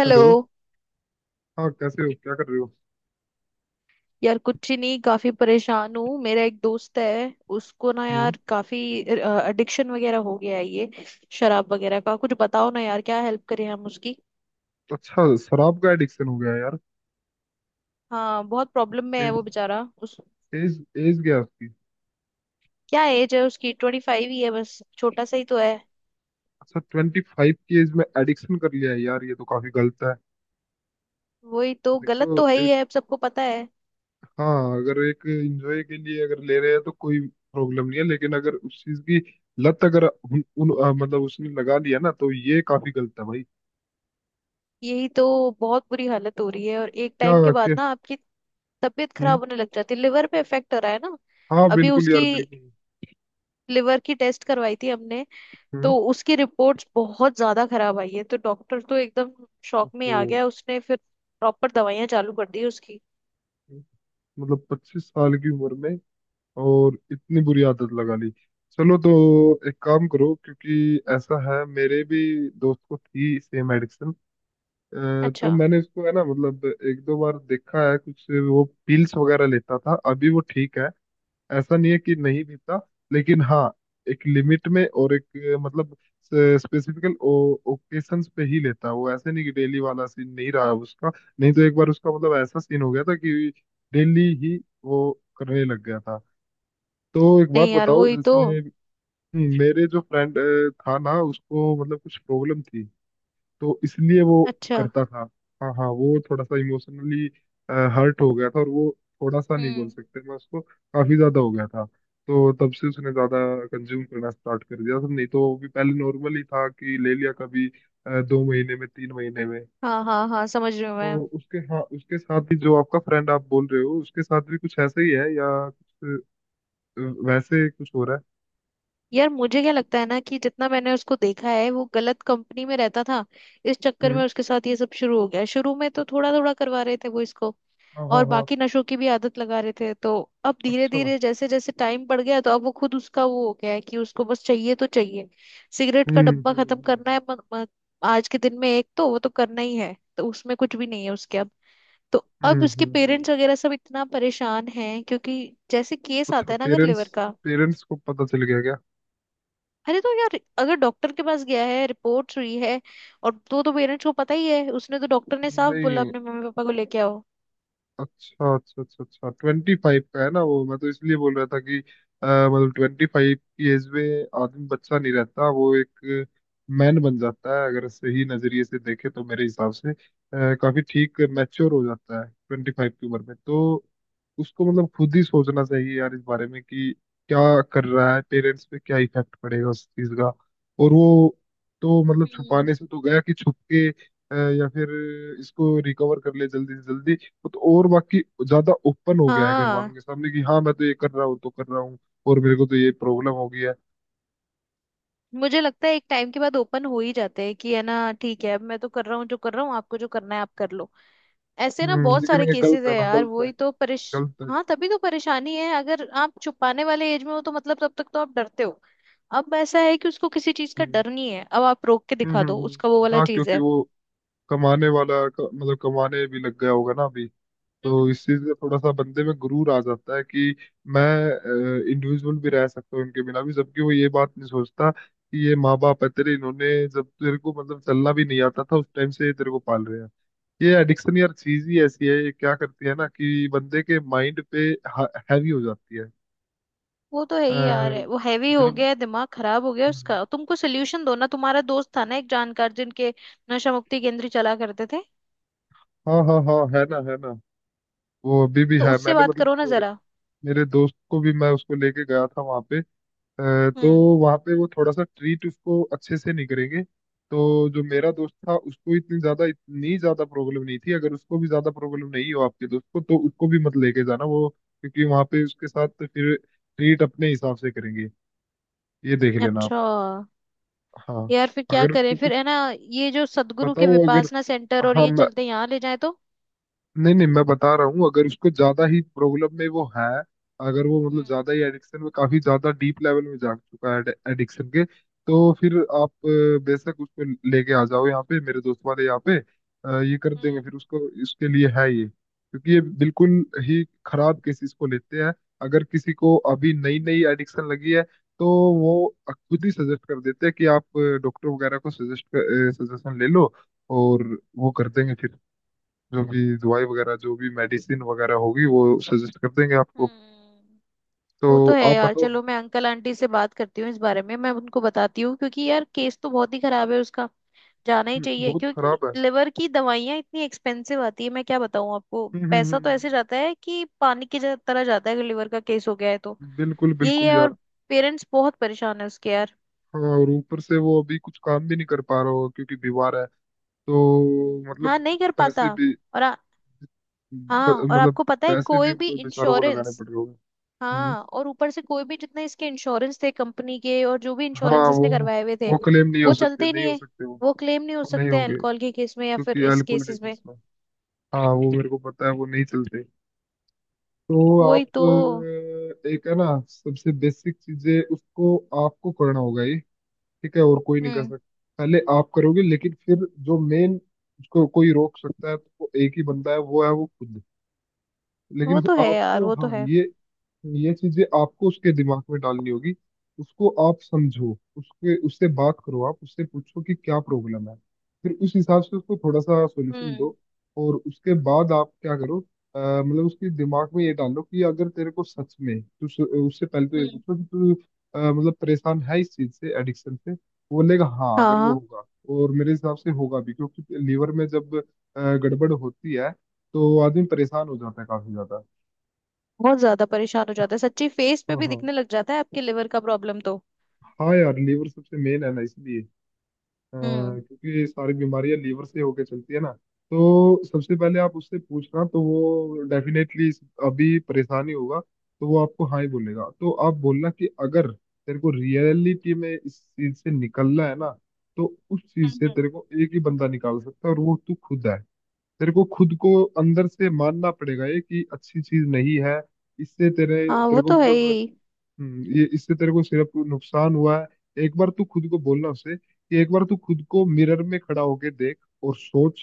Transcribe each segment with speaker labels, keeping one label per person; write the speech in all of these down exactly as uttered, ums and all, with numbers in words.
Speaker 1: Hello.
Speaker 2: Hello. हाँ, कैसे हो? क्या कर रहे हो?
Speaker 1: यार कुछ ही नहीं, काफी परेशान हूँ। मेरा एक दोस्त है, उसको ना
Speaker 2: हम्म।
Speaker 1: यार काफी एडिक्शन वगैरह हो गया है, ये शराब वगैरह का। कुछ बताओ ना यार, क्या हेल्प करें हम उसकी।
Speaker 2: अच्छा, शराब का एडिक्शन हो गया है यार।
Speaker 1: हाँ, बहुत प्रॉब्लम में है
Speaker 2: एज
Speaker 1: वो बेचारा। उस
Speaker 2: एज एज गया उसकी?
Speaker 1: क्या एज है उसकी? ट्वेंटी फाइव ही है, बस छोटा सा ही तो है।
Speaker 2: अच्छा, ट्वेंटी फाइव की एज में एडिक्शन कर लिया है यार? ये तो काफी गलत है।
Speaker 1: वही तो, गलत
Speaker 2: देखो,
Speaker 1: तो है ही
Speaker 2: एक...
Speaker 1: है, अब सबको पता है।
Speaker 2: हाँ, अगर एक एंजॉय के लिए अगर ले रहे हैं तो कोई प्रॉब्लम नहीं है, लेकिन अगर उस चीज की लत, अगर उन, उन अ, मतलब उसने लगा लिया ना, तो ये काफी गलत है भाई।
Speaker 1: यही तो, बहुत बुरी हालत हो रही है। और एक टाइम के
Speaker 2: क्या? के?
Speaker 1: बाद ना आपकी तबीयत खराब
Speaker 2: हम्म।
Speaker 1: होने लग जाती है, लिवर पे इफेक्ट हो रहा है ना।
Speaker 2: हाँ
Speaker 1: अभी
Speaker 2: बिल्कुल
Speaker 1: उसकी
Speaker 2: यार, बिल्कुल।
Speaker 1: लिवर की टेस्ट करवाई थी हमने,
Speaker 2: हम्म।
Speaker 1: तो उसकी रिपोर्ट्स बहुत ज्यादा खराब आई है। तो डॉक्टर तो एकदम शॉक में ही आ
Speaker 2: तो
Speaker 1: गया। उसने फिर प्रॉपर दवाइयां चालू कर दी उसकी।
Speaker 2: मतलब पच्चीस साल की उम्र में और इतनी बुरी आदत लगा ली। चलो तो एक काम करो, क्योंकि ऐसा है, मेरे भी दोस्त को थी सेम एडिक्शन।
Speaker 1: अच्छा।
Speaker 2: तो मैंने उसको, है ना, मतलब एक दो बार देखा है, कुछ वो पिल्स वगैरह लेता था, अभी वो ठीक है। ऐसा नहीं है कि नहीं पीता, लेकिन हाँ, एक लिमिट में और एक अ, मतलब स्पेसिफिकल ओकेशंस पे ही लेता है वो। ऐसे नहीं कि डेली वाला सीन नहीं रहा उसका। नहीं तो एक बार उसका मतलब ऐसा सीन हो गया था कि डेली ही वो करने लग गया था। तो एक बात
Speaker 1: नहीं यार,
Speaker 2: बताओ,
Speaker 1: वही तो।
Speaker 2: जैसे मेरे जो फ्रेंड था ना, उसको मतलब कुछ प्रॉब्लम थी, तो इसलिए वो
Speaker 1: अच्छा।
Speaker 2: करता था। हाँ हाँ, वो थोड़ा सा इमोशनली हर्ट हो गया था और वो थोड़ा सा नहीं, बोल
Speaker 1: हम्म।
Speaker 2: सकते मैं, उसको काफी ज्यादा हो गया था। तो तब से उसने ज्यादा कंज्यूम करना स्टार्ट कर दिया था। नहीं तो वो भी पहले नॉर्मल ही था, कि ले लिया कभी अ, दो महीने में, तीन महीने में।
Speaker 1: हाँ हाँ हाँ, समझ रही हूँ मैं।
Speaker 2: तो उसके, हाँ, उसके साथ ही जो आपका फ्रेंड आप बोल रहे हो, उसके साथ भी कुछ ऐसा ही है, या कुछ अ, वैसे कुछ हो रहा है?
Speaker 1: यार मुझे क्या लगता है ना, कि जितना मैंने उसको देखा है, वो गलत कंपनी में रहता था। इस चक्कर
Speaker 2: हम्म
Speaker 1: में उसके साथ ये सब शुरू हो गया। शुरू में तो थोड़ा थोड़ा करवा रहे थे वो इसको,
Speaker 2: हाँ हाँ
Speaker 1: और
Speaker 2: हाँ।
Speaker 1: बाकी नशों की भी आदत लगा रहे थे। तो अब धीरे
Speaker 2: अच्छा।
Speaker 1: धीरे जैसे जैसे टाइम बढ़ गया, तो अब वो खुद उसका वो हो गया है कि उसको बस चाहिए तो चाहिए। सिगरेट का
Speaker 2: हम्म
Speaker 1: डब्बा
Speaker 2: हम्म
Speaker 1: खत्म करना
Speaker 2: हम्म
Speaker 1: है म, म, आज के दिन में एक, तो वो तो करना ही है, तो उसमें कुछ भी नहीं है उसके अब। तो अब
Speaker 2: हम्म
Speaker 1: उसके
Speaker 2: हम्म, हम्म, हम्म।
Speaker 1: पेरेंट्स वगैरह सब इतना परेशान हैं, क्योंकि जैसे केस
Speaker 2: अच्छा,
Speaker 1: आता है ना अगर
Speaker 2: पेरेंट्स
Speaker 1: लिवर का।
Speaker 2: पेरेंट्स को पता चल गया क्या?
Speaker 1: अरे तो यार, अगर डॉक्टर के पास गया है, रिपोर्ट्स हुई है, और तो तो पेरेंट्स को पता ही है। उसने तो, डॉक्टर ने साफ बोला
Speaker 2: नहीं।
Speaker 1: अपने मम्मी पापा को लेके आओ।
Speaker 2: अच्छा अच्छा अच्छा, अच्छा ट्वेंटी फाइव का है ना वो? मैं तो इसलिए बोल रहा था कि अ, मतलब ट्वेंटी फाइव की एज में आदमी बच्चा नहीं रहता, वो एक मैन बन जाता है। अगर सही नजरिए से देखे तो मेरे हिसाब से अ, काफी ठीक मैच्योर हो जाता है ट्वेंटी फाइव की उम्र में। तो उसको मतलब खुद ही सोचना चाहिए यार इस बारे में कि क्या कर रहा है, पेरेंट्स पे क्या इफेक्ट पड़ेगा उस चीज का। और वो, तो मतलब
Speaker 1: हम्म।
Speaker 2: छुपाने से तो गया, कि छुप के अ, या फिर इसको रिकवर कर ले जल्दी से जल्दी। वो तो और बाकी ज्यादा ओपन हो गया है घर वालों
Speaker 1: हाँ,
Speaker 2: के सामने कि हाँ मैं तो ये कर रहा हूँ तो कर रहा हूँ, और मेरे को तो ये प्रॉब्लम हो गई है।
Speaker 1: मुझे लगता है एक टाइम के बाद ओपन हो ही जाते हैं, कि है ना ठीक है, अब मैं तो कर रहा हूँ, जो कर रहा हूँ, आपको जो करना है आप कर लो। ऐसे ना,
Speaker 2: हम्म,
Speaker 1: बहुत
Speaker 2: लेकिन
Speaker 1: सारे
Speaker 2: ये
Speaker 1: केसेस
Speaker 2: गलत
Speaker 1: है
Speaker 2: है ना,
Speaker 1: यार,
Speaker 2: गलत है,
Speaker 1: वही तो परेश
Speaker 2: गलत है।
Speaker 1: हाँ, तभी तो परेशानी है। अगर आप छुपाने वाले एज में हो तो मतलब तब तक तो आप डरते हो। अब ऐसा है कि उसको किसी चीज का
Speaker 2: हम्म
Speaker 1: डर नहीं है, अब आप रोक के
Speaker 2: हम्म
Speaker 1: दिखा दो,
Speaker 2: हम्म,
Speaker 1: उसका वो
Speaker 2: हम्म।
Speaker 1: वाला
Speaker 2: हाँ,
Speaker 1: चीज
Speaker 2: क्योंकि
Speaker 1: है।
Speaker 2: वो कमाने वाला क- मतलब कमाने भी लग गया होगा ना अभी। तो
Speaker 1: हम्म।
Speaker 2: इस चीज में थोड़ा सा बंदे में गुरूर आ जाता है कि मैं इंडिविजुअल भी रह सकता हूँ इनके बिना भी, जबकि वो ये बात नहीं सोचता कि ये माँ बाप है तेरे, इन्होंने जब तेरे को मतलब चलना भी नहीं आता था उस टाइम से ये तेरे को पाल रहे हैं। ये एडिक्शन यार, चीज ही ऐसी है, ये क्या करती है ना कि बंदे के माइंड पे हैवी हो जाती है।
Speaker 1: वो तो है ही यार।
Speaker 2: अ,
Speaker 1: है, वो हैवी हो
Speaker 2: जब
Speaker 1: गया है, दिमाग खराब हो गया है उसका। तुमको सोल्यूशन दो ना, तुम्हारा दोस्त था ना एक जानकार, जिनके नशा मुक्ति केंद्र चला करते थे,
Speaker 2: हाँ हाँ हाँ, है ना, है ना। वो अभी भी
Speaker 1: तो
Speaker 2: है।
Speaker 1: उससे
Speaker 2: मैंने
Speaker 1: बात
Speaker 2: मतलब
Speaker 1: करो ना
Speaker 2: मेरे,
Speaker 1: जरा।
Speaker 2: मेरे दोस्त को भी मैं उसको लेके गया था वहां पे। अ, तो
Speaker 1: हम्म।
Speaker 2: वहाँ पे वो थोड़ा सा ट्रीट उसको अच्छे से नहीं करेंगे। तो जो मेरा दोस्त था उसको इतनी ज्यादा इतनी ज्यादा प्रॉब्लम नहीं थी, अगर उसको भी ज्यादा प्रॉब्लम नहीं हो आपके दोस्त को, तो उसको भी मत लेके जाना वो, क्योंकि वहाँ पे उसके साथ फिर ट्रीट अपने हिसाब से करेंगे, ये देख लेना आप।
Speaker 1: अच्छा।
Speaker 2: हाँ,
Speaker 1: यार फिर क्या
Speaker 2: अगर
Speaker 1: करें
Speaker 2: उसको
Speaker 1: फिर, है
Speaker 2: कुछ
Speaker 1: ना ये जो सदगुरु के
Speaker 2: बताओ, अगर...
Speaker 1: विपासना सेंटर और
Speaker 2: हाँ,
Speaker 1: ये चलते हैं, यहाँ ले जाए तो।
Speaker 2: नहीं नहीं, मैं बता रहा हूँ, अगर उसको ज्यादा ही प्रॉब्लम में वो है, अगर वो मतलब
Speaker 1: हम्म
Speaker 2: ज्यादा ही एडिक्शन में, काफी ज्यादा डीप लेवल में जा चुका है एडिक्शन के, तो फिर आप अ, बेशक उसको लेके आ जाओ यहाँ पे, मेरे दोस्त वाले यहाँ पे अ, ये कर देंगे
Speaker 1: हम्म
Speaker 2: फिर उसको। इसके लिए है ये, क्योंकि ये बिल्कुल ही खराब केसेस को लेते हैं। अगर किसी को अभी नई नई एडिक्शन लगी है, तो वो खुद ही सजेस्ट कर देते हैं कि आप डॉक्टर वगैरह को सजेस्ट सजेशन ले लो, और वो कर देंगे फिर, जो भी दवाई वगैरह, जो भी मेडिसिन वगैरह होगी वो सजेस्ट कर देंगे आपको।
Speaker 1: हम्म।
Speaker 2: तो
Speaker 1: वो तो है
Speaker 2: आप
Speaker 1: यार।
Speaker 2: बताओ।
Speaker 1: चलो मैं अंकल आंटी से बात करती हूँ इस बारे में, मैं उनको बताती हूँ, क्योंकि यार केस तो बहुत ही खराब है उसका। जाना ही
Speaker 2: हम्म,
Speaker 1: चाहिए,
Speaker 2: बहुत
Speaker 1: क्योंकि
Speaker 2: खराब है।
Speaker 1: लिवर की दवाइयाँ इतनी एक्सपेंसिव आती है, मैं क्या बताऊँ आपको।
Speaker 2: हम्म हम्म
Speaker 1: पैसा तो
Speaker 2: हम्म,
Speaker 1: ऐसे जाता है कि पानी की जा- तरह जाता है, अगर लिवर का केस हो गया है तो।
Speaker 2: हम्म, बिल्कुल
Speaker 1: यही
Speaker 2: बिल्कुल
Speaker 1: है। और
Speaker 2: यार।
Speaker 1: पेरेंट्स बहुत परेशान है उसके यार।
Speaker 2: हाँ, और ऊपर से वो अभी कुछ काम भी नहीं कर पा रहा होगा क्योंकि बीमार है, तो
Speaker 1: हाँ,
Speaker 2: मतलब
Speaker 1: नहीं कर
Speaker 2: पैसे
Speaker 1: पाता।
Speaker 2: भी,
Speaker 1: और आ-
Speaker 2: ब,
Speaker 1: हाँ, और
Speaker 2: मतलब
Speaker 1: आपको पता है
Speaker 2: पैसे भी
Speaker 1: कोई भी
Speaker 2: उनको बेचारों को लगाने
Speaker 1: इंश्योरेंस,
Speaker 2: पड़ रहे होंगे। हम्म।
Speaker 1: हाँ और ऊपर से कोई भी, जितने इसके इंश्योरेंस थे कंपनी के, और जो भी
Speaker 2: हाँ,
Speaker 1: इंश्योरेंस
Speaker 2: वो
Speaker 1: इसने करवाए हुए थे,
Speaker 2: वो क्लेम नहीं हो
Speaker 1: वो चलते
Speaker 2: सकते,
Speaker 1: ही
Speaker 2: नहीं
Speaker 1: नहीं
Speaker 2: हो
Speaker 1: है।
Speaker 2: सकते वो
Speaker 1: वो क्लेम नहीं हो
Speaker 2: वो नहीं
Speaker 1: सकते हैं
Speaker 2: होंगे,
Speaker 1: अल्कोहल के केस में, या फिर
Speaker 2: क्योंकि
Speaker 1: इस
Speaker 2: अल्कोहल के
Speaker 1: केसेस में।
Speaker 2: केस में हाँ, वो मेरे को पता है, वो नहीं चलते। तो
Speaker 1: वही
Speaker 2: आप
Speaker 1: तो।
Speaker 2: अ, एक है ना सबसे बेसिक चीजें, उसको आपको करना होगा ये, ठीक है, और कोई नहीं कर
Speaker 1: हम्म।
Speaker 2: सकता। पहले आप करोगे, लेकिन फिर जो मेन, उसको कोई रोक सकता है तो वो एक ही बंदा है, वो है वो खुद।
Speaker 1: वो
Speaker 2: लेकिन
Speaker 1: तो है यार,
Speaker 2: आपको,
Speaker 1: वो तो
Speaker 2: हाँ,
Speaker 1: है।
Speaker 2: ये ये चीजें आपको उसके दिमाग में डालनी होगी। उसको आप समझो, उसके, उससे बात करो, आप उससे पूछो कि क्या प्रॉब्लम है, फिर उस हिसाब से उसको थोड़ा सा सॉल्यूशन
Speaker 1: हम्म
Speaker 2: दो, और उसके बाद आप क्या करो अ, मतलब उसके दिमाग में ये डालो कि अगर तेरे को सच में तू उस- उससे पहले तो ये
Speaker 1: हम्म।
Speaker 2: पूछो कि तू अ, मतलब परेशान है इस चीज से, एडिक्शन से। वो बोलेगा हाँ,
Speaker 1: हाँ
Speaker 2: अगर वो
Speaker 1: हाँ,
Speaker 2: होगा, और मेरे हिसाब से होगा भी, क्योंकि लीवर में जब अ, गड़बड़ होती है तो आदमी परेशान हो जाता है काफी ज्यादा।
Speaker 1: बहुत ज्यादा परेशान हो जाता है सच्ची। फेस पे
Speaker 2: हाँ
Speaker 1: भी
Speaker 2: हाँ,
Speaker 1: दिखने लग जाता है आपके लिवर का प्रॉब्लम तो।
Speaker 2: हाँ यार लीवर सबसे मेन है ना, इसलिए अ,
Speaker 1: हम्म
Speaker 2: क्योंकि सारी बीमारियां लीवर से होके चलती है ना। तो सबसे पहले आप उससे पूछना, तो वो डेफिनेटली अभी परेशानी होगा तो वो आपको हाँ ही बोलेगा। तो आप बोलना कि अगर तेरे को रियलिटी में इस चीज से निकलना है ना, तो उस चीज
Speaker 1: हम्म
Speaker 2: से
Speaker 1: हम्म।
Speaker 2: तेरे को एक ही बंदा निकाल सकता है, और वो तू खुद है। तेरे को खुद को अंदर से मानना पड़ेगा ये कि अच्छी चीज नहीं है, इससे तेरे,
Speaker 1: हाँ, वो
Speaker 2: तेरे को
Speaker 1: तो है
Speaker 2: मतलब,
Speaker 1: ही।
Speaker 2: हम्म, ये, इससे तेरे को सिर्फ नुकसान हुआ है। एक बार तू खुद को बोलना उसे कि एक बार तू खुद को मिरर में खड़ा होके देख, और सोच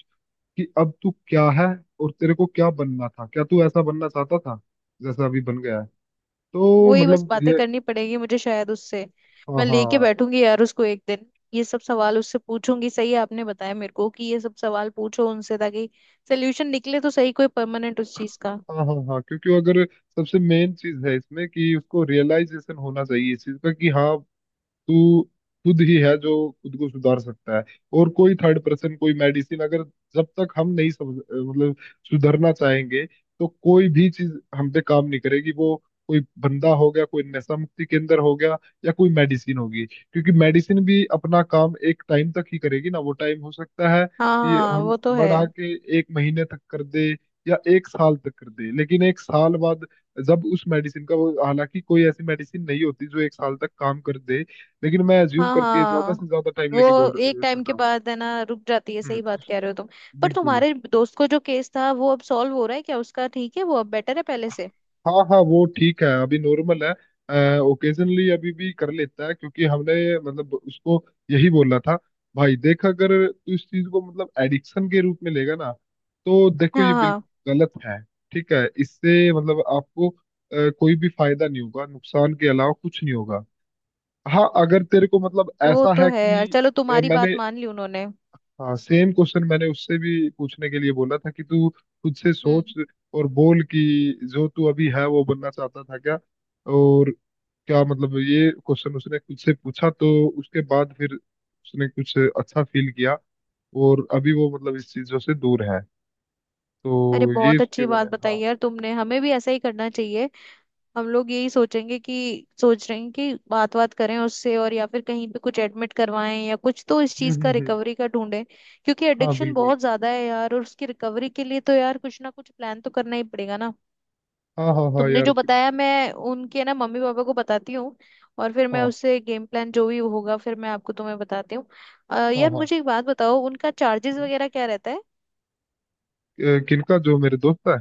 Speaker 2: कि अब तू क्या है, और तेरे को क्या बनना था, क्या तू ऐसा बनना चाहता था जैसा अभी बन गया है। तो
Speaker 1: वही बस
Speaker 2: मतलब
Speaker 1: बातें
Speaker 2: ये,
Speaker 1: करनी पड़ेगी मुझे शायद उससे।
Speaker 2: हाँ
Speaker 1: मैं लेके
Speaker 2: हाँ
Speaker 1: बैठूंगी यार उसको एक दिन, ये सब सवाल उससे पूछूंगी। सही है, आपने बताया मेरे को कि ये सब सवाल पूछो उनसे, ताकि सोल्यूशन निकले तो सही, कोई परमानेंट उस चीज का।
Speaker 2: हाँ, हाँ हाँ, क्योंकि अगर सबसे मेन चीज है इसमें कि उसको रियलाइजेशन होना चाहिए इस चीज का कि हाँ, तू खुद ही है जो खुद को सुधार सकता है। और कोई थर्ड पर्सन, कोई मेडिसिन, अगर जब तक हम नहीं समझ, मतलब सुधरना चाहेंगे, तो कोई भी चीज हम पे काम नहीं करेगी वो, कोई बंदा हो गया, कोई नशा मुक्ति केंद्र हो गया, या कोई मेडिसिन होगी, क्योंकि मेडिसिन भी अपना काम एक टाइम तक ही करेगी ना। वो टाइम हो सकता है
Speaker 1: हाँ
Speaker 2: कि
Speaker 1: हाँ,
Speaker 2: हम
Speaker 1: वो तो है।
Speaker 2: बढ़ा के एक महीने तक कर दे, या एक साल तक कर दे, लेकिन एक साल बाद जब उस मेडिसिन का वो, हालांकि कोई ऐसी मेडिसिन नहीं होती जो एक साल तक काम कर दे, लेकिन मैं अज्यूम
Speaker 1: हाँ
Speaker 2: करके ज्यादा
Speaker 1: हाँ,
Speaker 2: से ज्यादा टाइम लेके बोल
Speaker 1: वो एक
Speaker 2: चल
Speaker 1: टाइम के
Speaker 2: रहा हूँ।
Speaker 1: बाद है ना रुक जाती है,
Speaker 2: हम्म,
Speaker 1: सही बात कह
Speaker 2: उसके,
Speaker 1: रहे हो तुम। पर
Speaker 2: बिल्कुल।
Speaker 1: तुम्हारे दोस्त को जो केस था वो अब सॉल्व हो रहा है क्या उसका? ठीक है वो, अब बेटर है पहले से?
Speaker 2: हाँ हाँ, वो ठीक है अभी, नॉर्मल है। ओकेजनली अभी भी कर लेता है, क्योंकि हमने मतलब उसको यही बोला था, भाई देख, अगर तू इस चीज को मतलब एडिक्शन के रूप में लेगा ना, तो देखो ये
Speaker 1: हाँ हाँ,
Speaker 2: बिल्कुल गलत है, ठीक है, इससे मतलब आपको अ, कोई भी फायदा नहीं होगा, नुकसान के अलावा कुछ नहीं होगा। हाँ, अगर तेरे को मतलब
Speaker 1: वो
Speaker 2: ऐसा
Speaker 1: तो
Speaker 2: है
Speaker 1: है यार।
Speaker 2: कि
Speaker 1: चलो,
Speaker 2: अ,
Speaker 1: तुम्हारी बात
Speaker 2: मैंने,
Speaker 1: मान ली उन्होंने।
Speaker 2: हाँ, सेम क्वेश्चन मैंने उससे भी पूछने के लिए बोला था कि तू खुद से सोच,
Speaker 1: हम्म।
Speaker 2: और बोल कि जो तू अभी है वो बनना चाहता था क्या, और क्या मतलब ये क्वेश्चन उसने खुद से पूछा तो उसके बाद फिर उसने कुछ अच्छा फील किया, और अभी वो मतलब इस चीजों से दूर है।
Speaker 1: अरे
Speaker 2: तो ये
Speaker 1: बहुत
Speaker 2: इसके,
Speaker 1: अच्छी
Speaker 2: मैंने
Speaker 1: बात बताई
Speaker 2: हाँ।
Speaker 1: यार तुमने, हमें भी ऐसा ही करना चाहिए। हम लोग यही सोचेंगे कि, सोच रहे हैं कि बात, बात करें उससे, और या फिर कहीं पे कुछ एडमिट करवाएं, या कुछ तो इस
Speaker 2: हम्म
Speaker 1: चीज
Speaker 2: हम्म
Speaker 1: का
Speaker 2: हम्म
Speaker 1: रिकवरी का ढूंढें। क्योंकि
Speaker 2: हाँ
Speaker 1: एडिक्शन
Speaker 2: बिल्कुल।
Speaker 1: बहुत ज्यादा है यार, और उसकी रिकवरी के लिए तो यार कुछ ना कुछ प्लान तो करना ही पड़ेगा ना।
Speaker 2: हाँ हाँ हाँ
Speaker 1: तुमने
Speaker 2: यार
Speaker 1: जो
Speaker 2: कि-
Speaker 1: बताया मैं उनके ना मम्मी पापा को बताती हूँ, और फिर मैं
Speaker 2: हाँ
Speaker 1: उससे गेम प्लान जो भी होगा फिर मैं आपको, तुम्हें बताती हूँ। अ,
Speaker 2: हाँ
Speaker 1: यार
Speaker 2: हाँ।
Speaker 1: मुझे एक बात बताओ, उनका चार्जेस वगैरह क्या रहता है?
Speaker 2: अ, किनका, जो मेरे दोस्त है?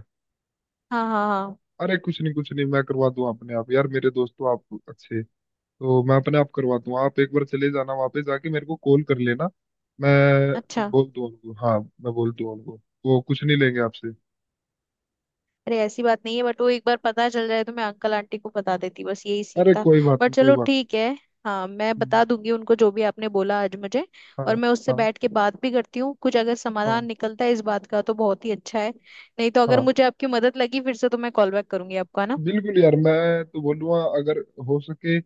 Speaker 1: हाँ हाँ हाँ।
Speaker 2: अरे कुछ नहीं, कुछ नहीं, मैं करवा दूं अपने आप यार, मेरे दोस्त तो आप अच्छे हैं। तो मैं अपने आप करवाता हूँ, आप एक बार चले जाना, वापस जाके मेरे को कॉल कर लेना, मैं
Speaker 1: अच्छा।
Speaker 2: बोल दूँ उनको, हाँ मैं बोल दूँ उनको, वो कुछ नहीं लेंगे आपसे।
Speaker 1: अरे ऐसी बात नहीं है, बट वो एक बार पता चल जाए तो मैं अंकल आंटी को बता देती, बस यही सीन
Speaker 2: अरे
Speaker 1: था।
Speaker 2: कोई बात नहीं,
Speaker 1: बट
Speaker 2: कोई
Speaker 1: चलो
Speaker 2: बात
Speaker 1: ठीक है। हाँ, मैं
Speaker 2: नहीं। हम्म,
Speaker 1: बता दूंगी उनको जो भी आपने बोला आज मुझे। और
Speaker 2: हाँ
Speaker 1: मैं उससे
Speaker 2: हाँ
Speaker 1: बैठ के बात भी करती हूँ, कुछ अगर समाधान
Speaker 2: हाँ,
Speaker 1: निकलता है इस बात का तो बहुत ही अच्छा है। नहीं तो अगर
Speaker 2: हाँ
Speaker 1: मुझे आपकी मदद लगी फिर से तो मैं कॉल बैक करूंगी आपको, है ना?
Speaker 2: बिल्कुल यार, मैं तो बोलूँगा, अगर हो सके अ,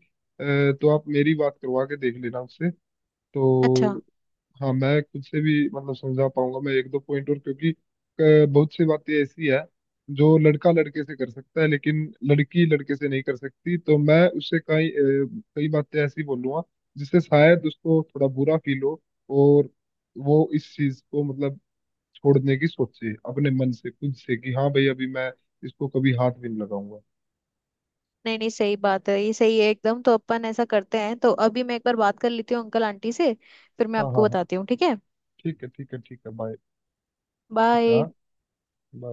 Speaker 2: तो आप मेरी बात करवा के देख लेना उससे। तो
Speaker 1: अच्छा।
Speaker 2: हाँ, मैं खुद से भी मतलब समझा पाऊंगा, मैं एक दो पॉइंट और, क्योंकि अ, बहुत सी बातें ऐसी है जो लड़का लड़के से कर सकता है लेकिन लड़की लड़के से नहीं कर सकती। तो मैं उससे कई अ, कई बातें ऐसी बोलूंगा जिससे शायद उसको थोड़ा बुरा फील हो, और वो इस चीज को मतलब छोड़ने की सोचे अपने मन से, खुद से, कि हाँ भाई अभी मैं इसको कभी हाथ भी नहीं लगाऊंगा।
Speaker 1: नहीं नहीं, सही बात है, ये सही है एकदम। तो अपन ऐसा करते हैं, तो अभी मैं एक बार बात कर लेती हूँ अंकल आंटी से, फिर मैं
Speaker 2: हाँ
Speaker 1: आपको
Speaker 2: हाँ हाँ,
Speaker 1: बताती हूँ ठीक है?
Speaker 2: ठीक है, ठीक है, ठीक है, बाय। ठीक है,
Speaker 1: बाय।
Speaker 2: हाँ, bye।